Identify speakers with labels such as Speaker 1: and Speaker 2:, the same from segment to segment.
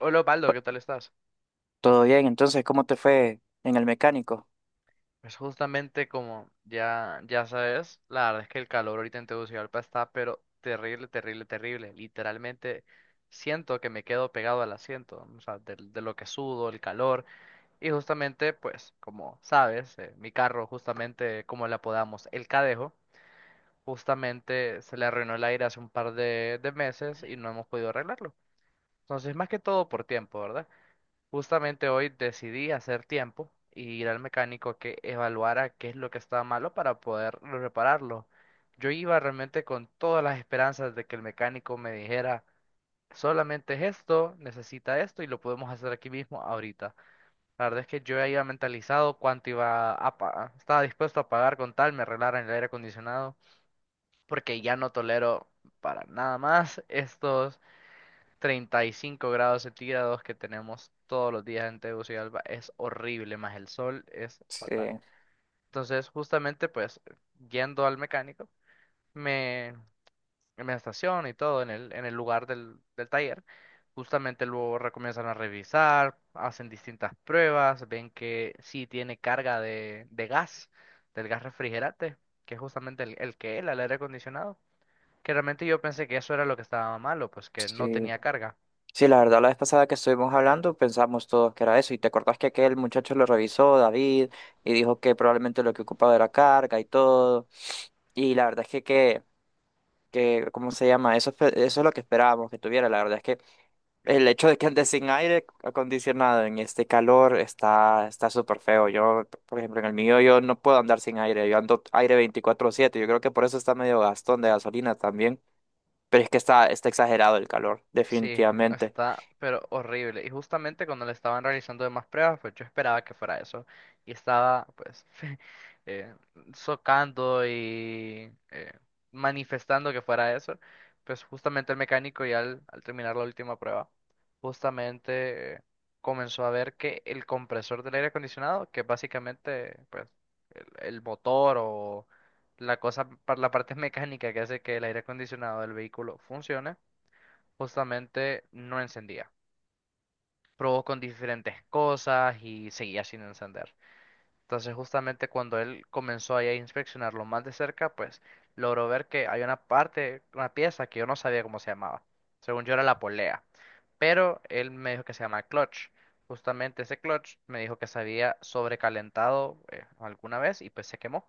Speaker 1: Hola, Paldo, ¿qué tal estás?
Speaker 2: Todo bien, entonces, ¿cómo te fue en el mecánico?
Speaker 1: Pues justamente como ya sabes, la verdad es que el calor ahorita en Tegucigalpa está, pero terrible, terrible, terrible. Literalmente siento que me quedo pegado al asiento, o sea, de lo que sudo, el calor. Y justamente, pues, como sabes, mi carro, justamente, como la apodamos, el Cadejo, justamente se le arruinó el aire hace un par de meses y no hemos podido arreglarlo. Entonces, más que todo por tiempo, ¿verdad? Justamente hoy decidí hacer tiempo y ir al mecánico a que evaluara qué es lo que estaba malo para poder repararlo. Yo iba realmente con todas las esperanzas de que el mecánico me dijera, solamente es esto, necesita esto y lo podemos hacer aquí mismo ahorita. La verdad es que yo ya iba mentalizado cuánto iba a pagar, estaba dispuesto a pagar con tal me arreglaran el aire acondicionado, porque ya no tolero para nada más estos 35 grados centígrados que tenemos todos los días en Tegucigalpa es horrible, más el sol es
Speaker 2: Sí,
Speaker 1: fatal. Entonces, justamente, pues, yendo al mecánico, me, me estaciono y todo en en el lugar del taller. Justamente luego comienzan a revisar, hacen distintas pruebas, ven que sí tiene carga de gas, del gas refrigerante, que es justamente el aire acondicionado. Que realmente yo pensé que eso era lo que estaba malo, pues que no
Speaker 2: sí,
Speaker 1: tenía carga.
Speaker 2: sí, la verdad, la vez pasada que estuvimos hablando pensamos todos que era eso, y te acordás que aquel muchacho lo revisó, David, y dijo que probablemente lo que ocupaba era carga y todo, y la verdad es que ¿cómo se llama? Eso, eso es lo que esperábamos que tuviera. La verdad es que el hecho de que andes sin aire acondicionado en este calor está súper feo. Yo, por ejemplo, en el mío yo no puedo andar sin aire. Yo ando aire 24/7. Yo creo que por eso está medio gastón de gasolina también. Pero es que está exagerado el calor,
Speaker 1: Sí,
Speaker 2: definitivamente.
Speaker 1: está, pero horrible. Y justamente cuando le estaban realizando demás pruebas, pues yo esperaba que fuera eso. Y estaba, pues, eh, socando y manifestando que fuera eso. Pues justamente el mecánico ya al terminar la última prueba, justamente comenzó a ver que el compresor del aire acondicionado, que es básicamente, pues, el, el motor o la cosa, la parte mecánica que hace que el aire acondicionado del vehículo funcione, justamente no encendía. Probó con diferentes cosas y seguía sin encender. Entonces, justamente cuando él comenzó ahí a inspeccionarlo más de cerca, pues logró ver que hay una parte, una pieza que yo no sabía cómo se llamaba. Según yo era la polea, pero él me dijo que se llama clutch. Justamente ese clutch me dijo que se había sobrecalentado alguna vez y pues se quemó.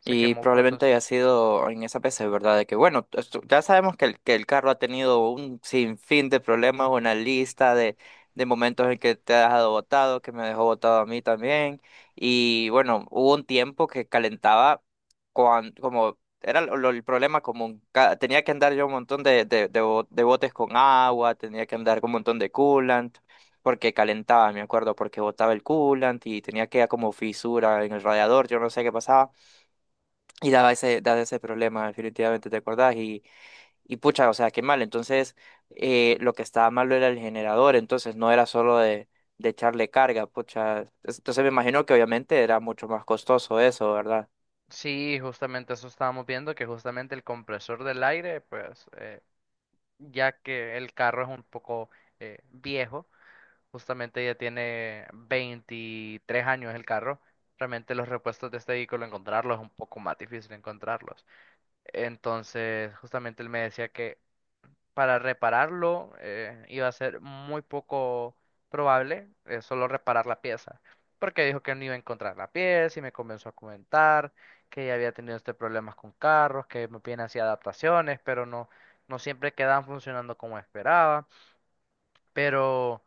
Speaker 1: Se
Speaker 2: Y
Speaker 1: quemó con
Speaker 2: probablemente haya
Speaker 1: dos...
Speaker 2: sido en esa PC, ¿verdad? De que, bueno, ya sabemos que que el carro ha tenido un sinfín de problemas, una lista de, momentos en que te ha dejado botado, que me dejó botado a mí también. Y bueno, hubo un tiempo que calentaba cuan- como era lo- el problema común. Tenía que andar yo un montón de botes con agua, tenía que andar con un montón de coolant, porque calentaba, me acuerdo, porque botaba el coolant y tenía que como fisura en el radiador, yo no sé qué pasaba. Y daba ese problema, definitivamente, ¿te acordás? Y pucha, o sea, qué mal. Entonces, lo que estaba malo era el generador, entonces no era solo de echarle carga, pucha. Entonces me imagino que obviamente era mucho más costoso eso, ¿verdad?
Speaker 1: Sí, justamente eso estábamos viendo, que justamente el compresor del aire, pues, ya que el carro es un poco viejo, justamente ya tiene 23 años el carro, realmente los repuestos de este vehículo encontrarlos es un poco más difícil encontrarlos. Entonces, justamente él me decía que para repararlo iba a ser muy poco probable solo reparar la pieza, porque dijo que no iba a encontrar la pieza y me comenzó a comentar que ya había tenido este problemas con carros, que me piden hacía adaptaciones, pero no, no siempre quedaban funcionando como esperaba. Pero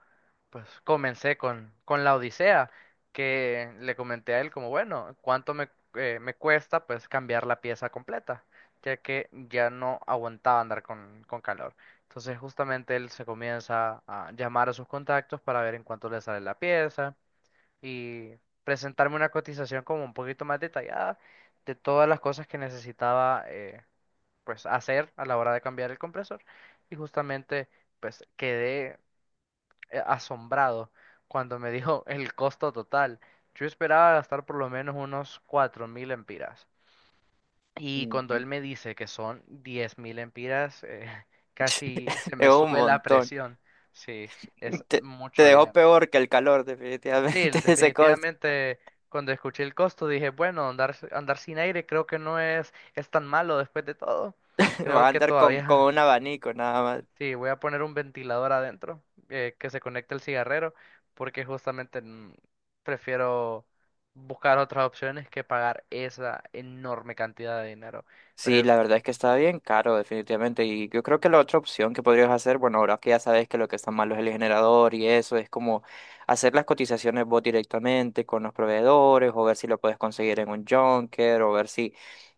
Speaker 1: pues comencé con la Odisea, que le comenté a él como, bueno, ¿cuánto me cuesta pues cambiar la pieza completa? Ya que ya no aguantaba andar con calor. Entonces justamente él se comienza a llamar a sus contactos para ver en cuánto le sale la pieza y presentarme una cotización como un poquito más detallada de todas las cosas que necesitaba pues hacer a la hora de cambiar el compresor. Y justamente pues quedé asombrado cuando me dijo el costo total. Yo esperaba gastar por lo menos unos 4.000 empiras. Y cuando
Speaker 2: Ujú.
Speaker 1: él me dice que son 10.000 empiras, casi se
Speaker 2: Es
Speaker 1: me
Speaker 2: un
Speaker 1: sube la
Speaker 2: montón.
Speaker 1: presión. Sí, es
Speaker 2: Te, te
Speaker 1: mucho
Speaker 2: dejó
Speaker 1: dinero.
Speaker 2: peor que el calor,
Speaker 1: Sí,
Speaker 2: definitivamente, ese costo.
Speaker 1: definitivamente cuando escuché el costo dije, bueno, andar, andar sin aire creo que no es, es tan malo después de todo.
Speaker 2: Vas
Speaker 1: Creo
Speaker 2: a
Speaker 1: que
Speaker 2: andar con
Speaker 1: todavía.
Speaker 2: un abanico nada.
Speaker 1: Sí, voy a poner un ventilador adentro que se conecte al cigarrero porque justamente prefiero buscar otras opciones que pagar esa enorme cantidad de dinero.
Speaker 2: Sí, la
Speaker 1: Pues
Speaker 2: verdad es que está bien caro, definitivamente. Y yo creo que la otra opción que podrías hacer, bueno, ahora que ya sabes que lo que está malo es el generador y eso, es como hacer las cotizaciones vos directamente con los proveedores o ver si lo puedes conseguir en un junker o ver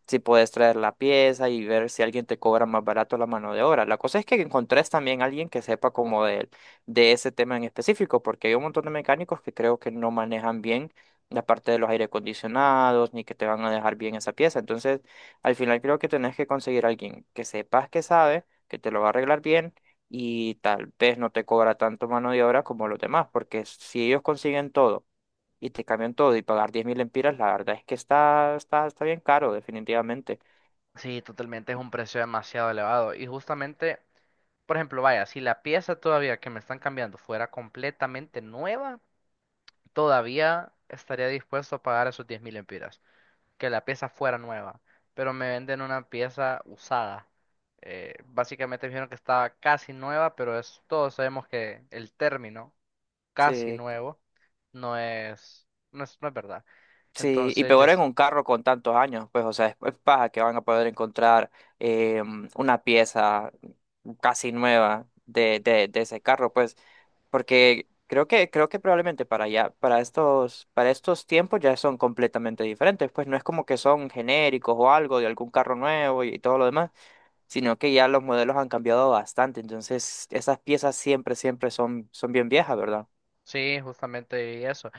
Speaker 2: si puedes traer la pieza y ver si alguien te cobra más barato la mano de obra. La cosa es que encontrés también a alguien que sepa como de ese tema en específico, porque hay un montón de mecánicos que creo que no manejan bien la parte de los aire acondicionados ni que te van a dejar bien esa pieza. Entonces... Al final creo que tenés que conseguir a alguien que sepas que sabe, que te lo va a arreglar bien y tal vez no te cobra tanto mano de obra como los demás, porque si ellos consiguen todo y te cambian todo y pagar 10.000 lempiras, la verdad es que está bien caro, definitivamente.
Speaker 1: sí, totalmente es un precio demasiado elevado. Y justamente, por ejemplo, vaya, si la pieza todavía que me están cambiando fuera completamente nueva, todavía estaría dispuesto a pagar esos 10.000 mil que la pieza fuera nueva, pero me venden una pieza usada. Básicamente me dijeron que estaba casi nueva, pero es, todos sabemos que el término casi
Speaker 2: Sí.
Speaker 1: nuevo no es, no es verdad.
Speaker 2: Sí, y
Speaker 1: Entonces, yo,
Speaker 2: peor en un carro con tantos años, pues, o sea, es paja que van a poder encontrar eh, una pieza casi nueva de ese carro, pues, porque creo que probablemente para ya, para estos tiempos ya son completamente diferentes, pues no es como que son genéricos o algo de algún carro nuevo y todo lo demás, sino que ya los modelos han cambiado bastante, entonces esas piezas siempre, siempre son bien viejas, ¿verdad?
Speaker 1: sí, justamente y eso.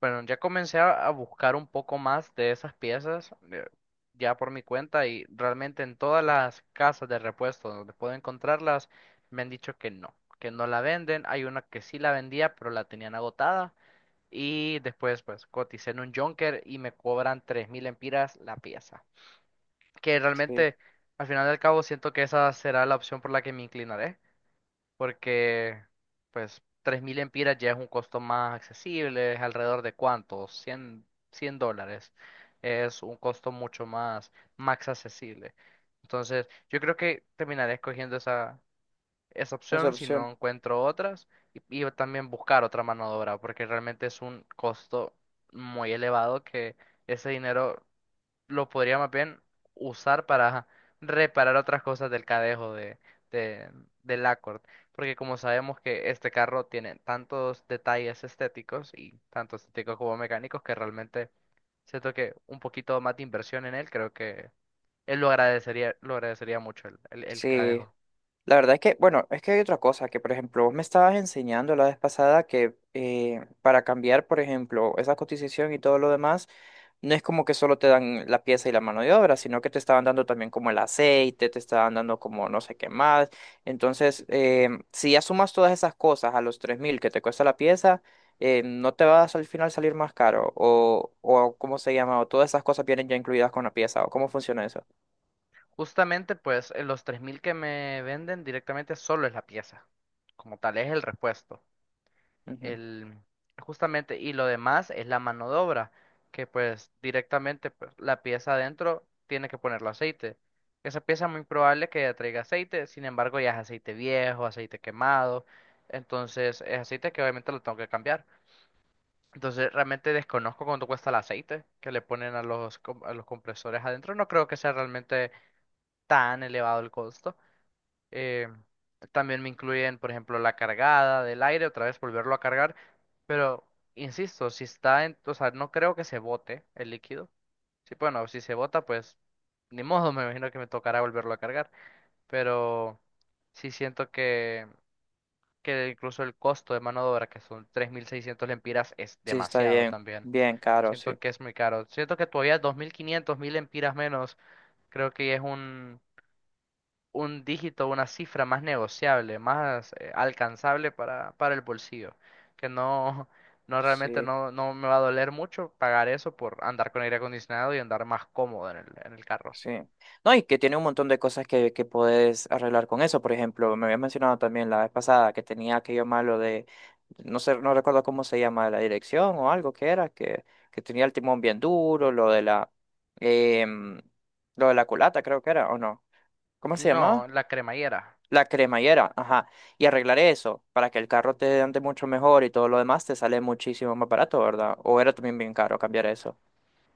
Speaker 1: Bueno, ya comencé a buscar un poco más de esas piezas ya por mi cuenta y realmente en todas las casas de repuesto donde puedo encontrarlas me han dicho que no la venden. Hay una que sí la vendía, pero la tenían agotada. Y después, pues, coticé en un Junker y me cobran 3.000 empiras la pieza. Que
Speaker 2: Sí,
Speaker 1: realmente, al final del cabo, siento que esa será la opción por la que me inclinaré. Porque, pues, 3.000 empiras ya es un costo más accesible. Es alrededor de ¿cuánto? 100, 100 dólares. Es un costo mucho más, más accesible. Entonces, yo creo que terminaré escogiendo esa
Speaker 2: esa
Speaker 1: opción si no
Speaker 2: opción.
Speaker 1: encuentro otras y también buscar otra mano de obra porque realmente es un costo muy elevado que ese dinero lo podría más bien usar para reparar otras cosas del cadejo de, del Accord porque como sabemos que este carro tiene tantos detalles estéticos y tanto estéticos como mecánicos que realmente siento que un poquito más de inversión en él creo que él lo agradecería mucho el
Speaker 2: Sí.
Speaker 1: cadejo.
Speaker 2: La verdad es que, bueno, es que hay otra cosa que, por ejemplo, vos me estabas enseñando la vez pasada que para cambiar, por ejemplo, esa cotización y todo lo demás, no es como que solo te dan la pieza y la mano de obra, sino que te estaban dando también como el aceite, te estaban dando como no sé qué más. Entonces, si ya sumas todas esas cosas a los 3.000 que te cuesta la pieza, no te vas al final salir más caro o ¿cómo se llama? O todas esas cosas vienen ya incluidas con la pieza o cómo funciona eso.
Speaker 1: Justamente, pues los 3.000 que me venden directamente solo es la pieza, como tal, es el repuesto.
Speaker 2: Ujú.
Speaker 1: El, Justamente, y lo demás es la mano de obra, que pues directamente pues, la pieza adentro tiene que ponerlo aceite. Esa pieza muy probable que ya traiga aceite, sin embargo ya es aceite viejo, aceite quemado, entonces es aceite que obviamente lo tengo que cambiar. Entonces realmente desconozco cuánto cuesta el aceite que le ponen a los, a los compresores adentro, no creo que sea realmente tan elevado el costo. Eh, También me incluyen, por ejemplo, la cargada del aire, otra vez volverlo a cargar. Pero, insisto, si está en, o sea, no creo que se bote el líquido. Sí, bueno, si se bota, pues ni modo, me imagino que me tocará volverlo a cargar. Pero sí siento que, incluso el costo de mano de obra, que son 3.600 lempiras, es
Speaker 2: Sí, está
Speaker 1: demasiado
Speaker 2: bien,
Speaker 1: también.
Speaker 2: bien caro,
Speaker 1: Siento
Speaker 2: sí.
Speaker 1: que es muy caro. Siento que todavía 2.500, 1.000 lempiras menos, creo que es un dígito, una cifra más negociable, más alcanzable para el bolsillo, que no, no realmente
Speaker 2: Sí.
Speaker 1: no, no me va a doler mucho pagar eso por andar con aire acondicionado y andar más cómodo en en el carro.
Speaker 2: Sí. No, y que tiene un montón de cosas que puedes arreglar con eso. Por ejemplo, me habías mencionado también la vez pasada que tenía aquello malo de, no sé, no recuerdo cómo se llama, la dirección o algo que era, que tenía el timón bien duro, lo de em, lo de la culata creo que era, ¿o no? ¿Cómo se
Speaker 1: No,
Speaker 2: llamaba?
Speaker 1: la cremallera.
Speaker 2: La cremallera, ajá. Y arreglar eso para que el carro te ande mucho mejor y todo lo demás te sale muchísimo más barato, ¿verdad? O era también bien caro cambiar eso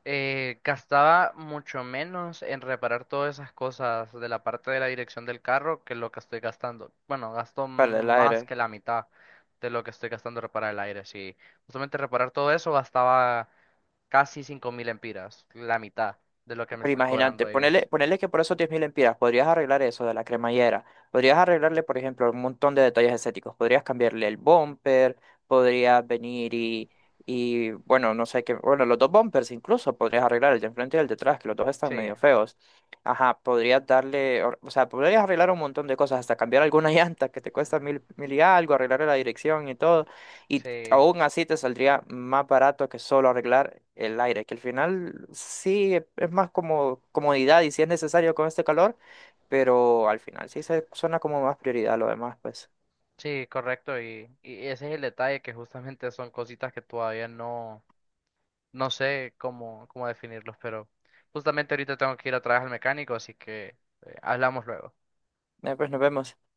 Speaker 1: Gastaba mucho menos en reparar todas esas cosas de la parte de la dirección del carro que lo que estoy gastando. Bueno, gasto
Speaker 2: para el
Speaker 1: más
Speaker 2: aire.
Speaker 1: que la mitad de lo que estoy gastando en reparar el aire. Sí, justamente reparar todo eso gastaba casi 5.000 empiras, la mitad de lo que me
Speaker 2: Pero
Speaker 1: están
Speaker 2: imagínate,
Speaker 1: cobrando
Speaker 2: ponele,
Speaker 1: ellos.
Speaker 2: ponele que por esos 10.000 empiras podrías arreglar eso de la cremallera, podrías arreglarle, por ejemplo, un montón de detalles estéticos, podrías cambiarle el bumper, podrías venir y bueno, no sé qué, bueno, los dos bumpers incluso podrías arreglar el de enfrente y el de atrás, que los dos están
Speaker 1: Sí,
Speaker 2: medio feos. Ajá, podrías darle, o sea, podrías arreglar un montón de cosas, hasta cambiar alguna llanta que te cuesta mil y algo, arreglar la dirección y todo. Y
Speaker 1: sí,
Speaker 2: aún así te saldría más barato que solo arreglar el aire, que al final sí es más como comodidad y si es necesario con este calor, pero al final sí se suena como más prioridad lo demás, pues.
Speaker 1: sí, correcto. Y ese es el detalle, que justamente son cositas que todavía no, no sé cómo, cómo definirlos, pero justamente ahorita tengo que ir a trabajar al mecánico, así que hablamos luego.
Speaker 2: Pues nos vemos.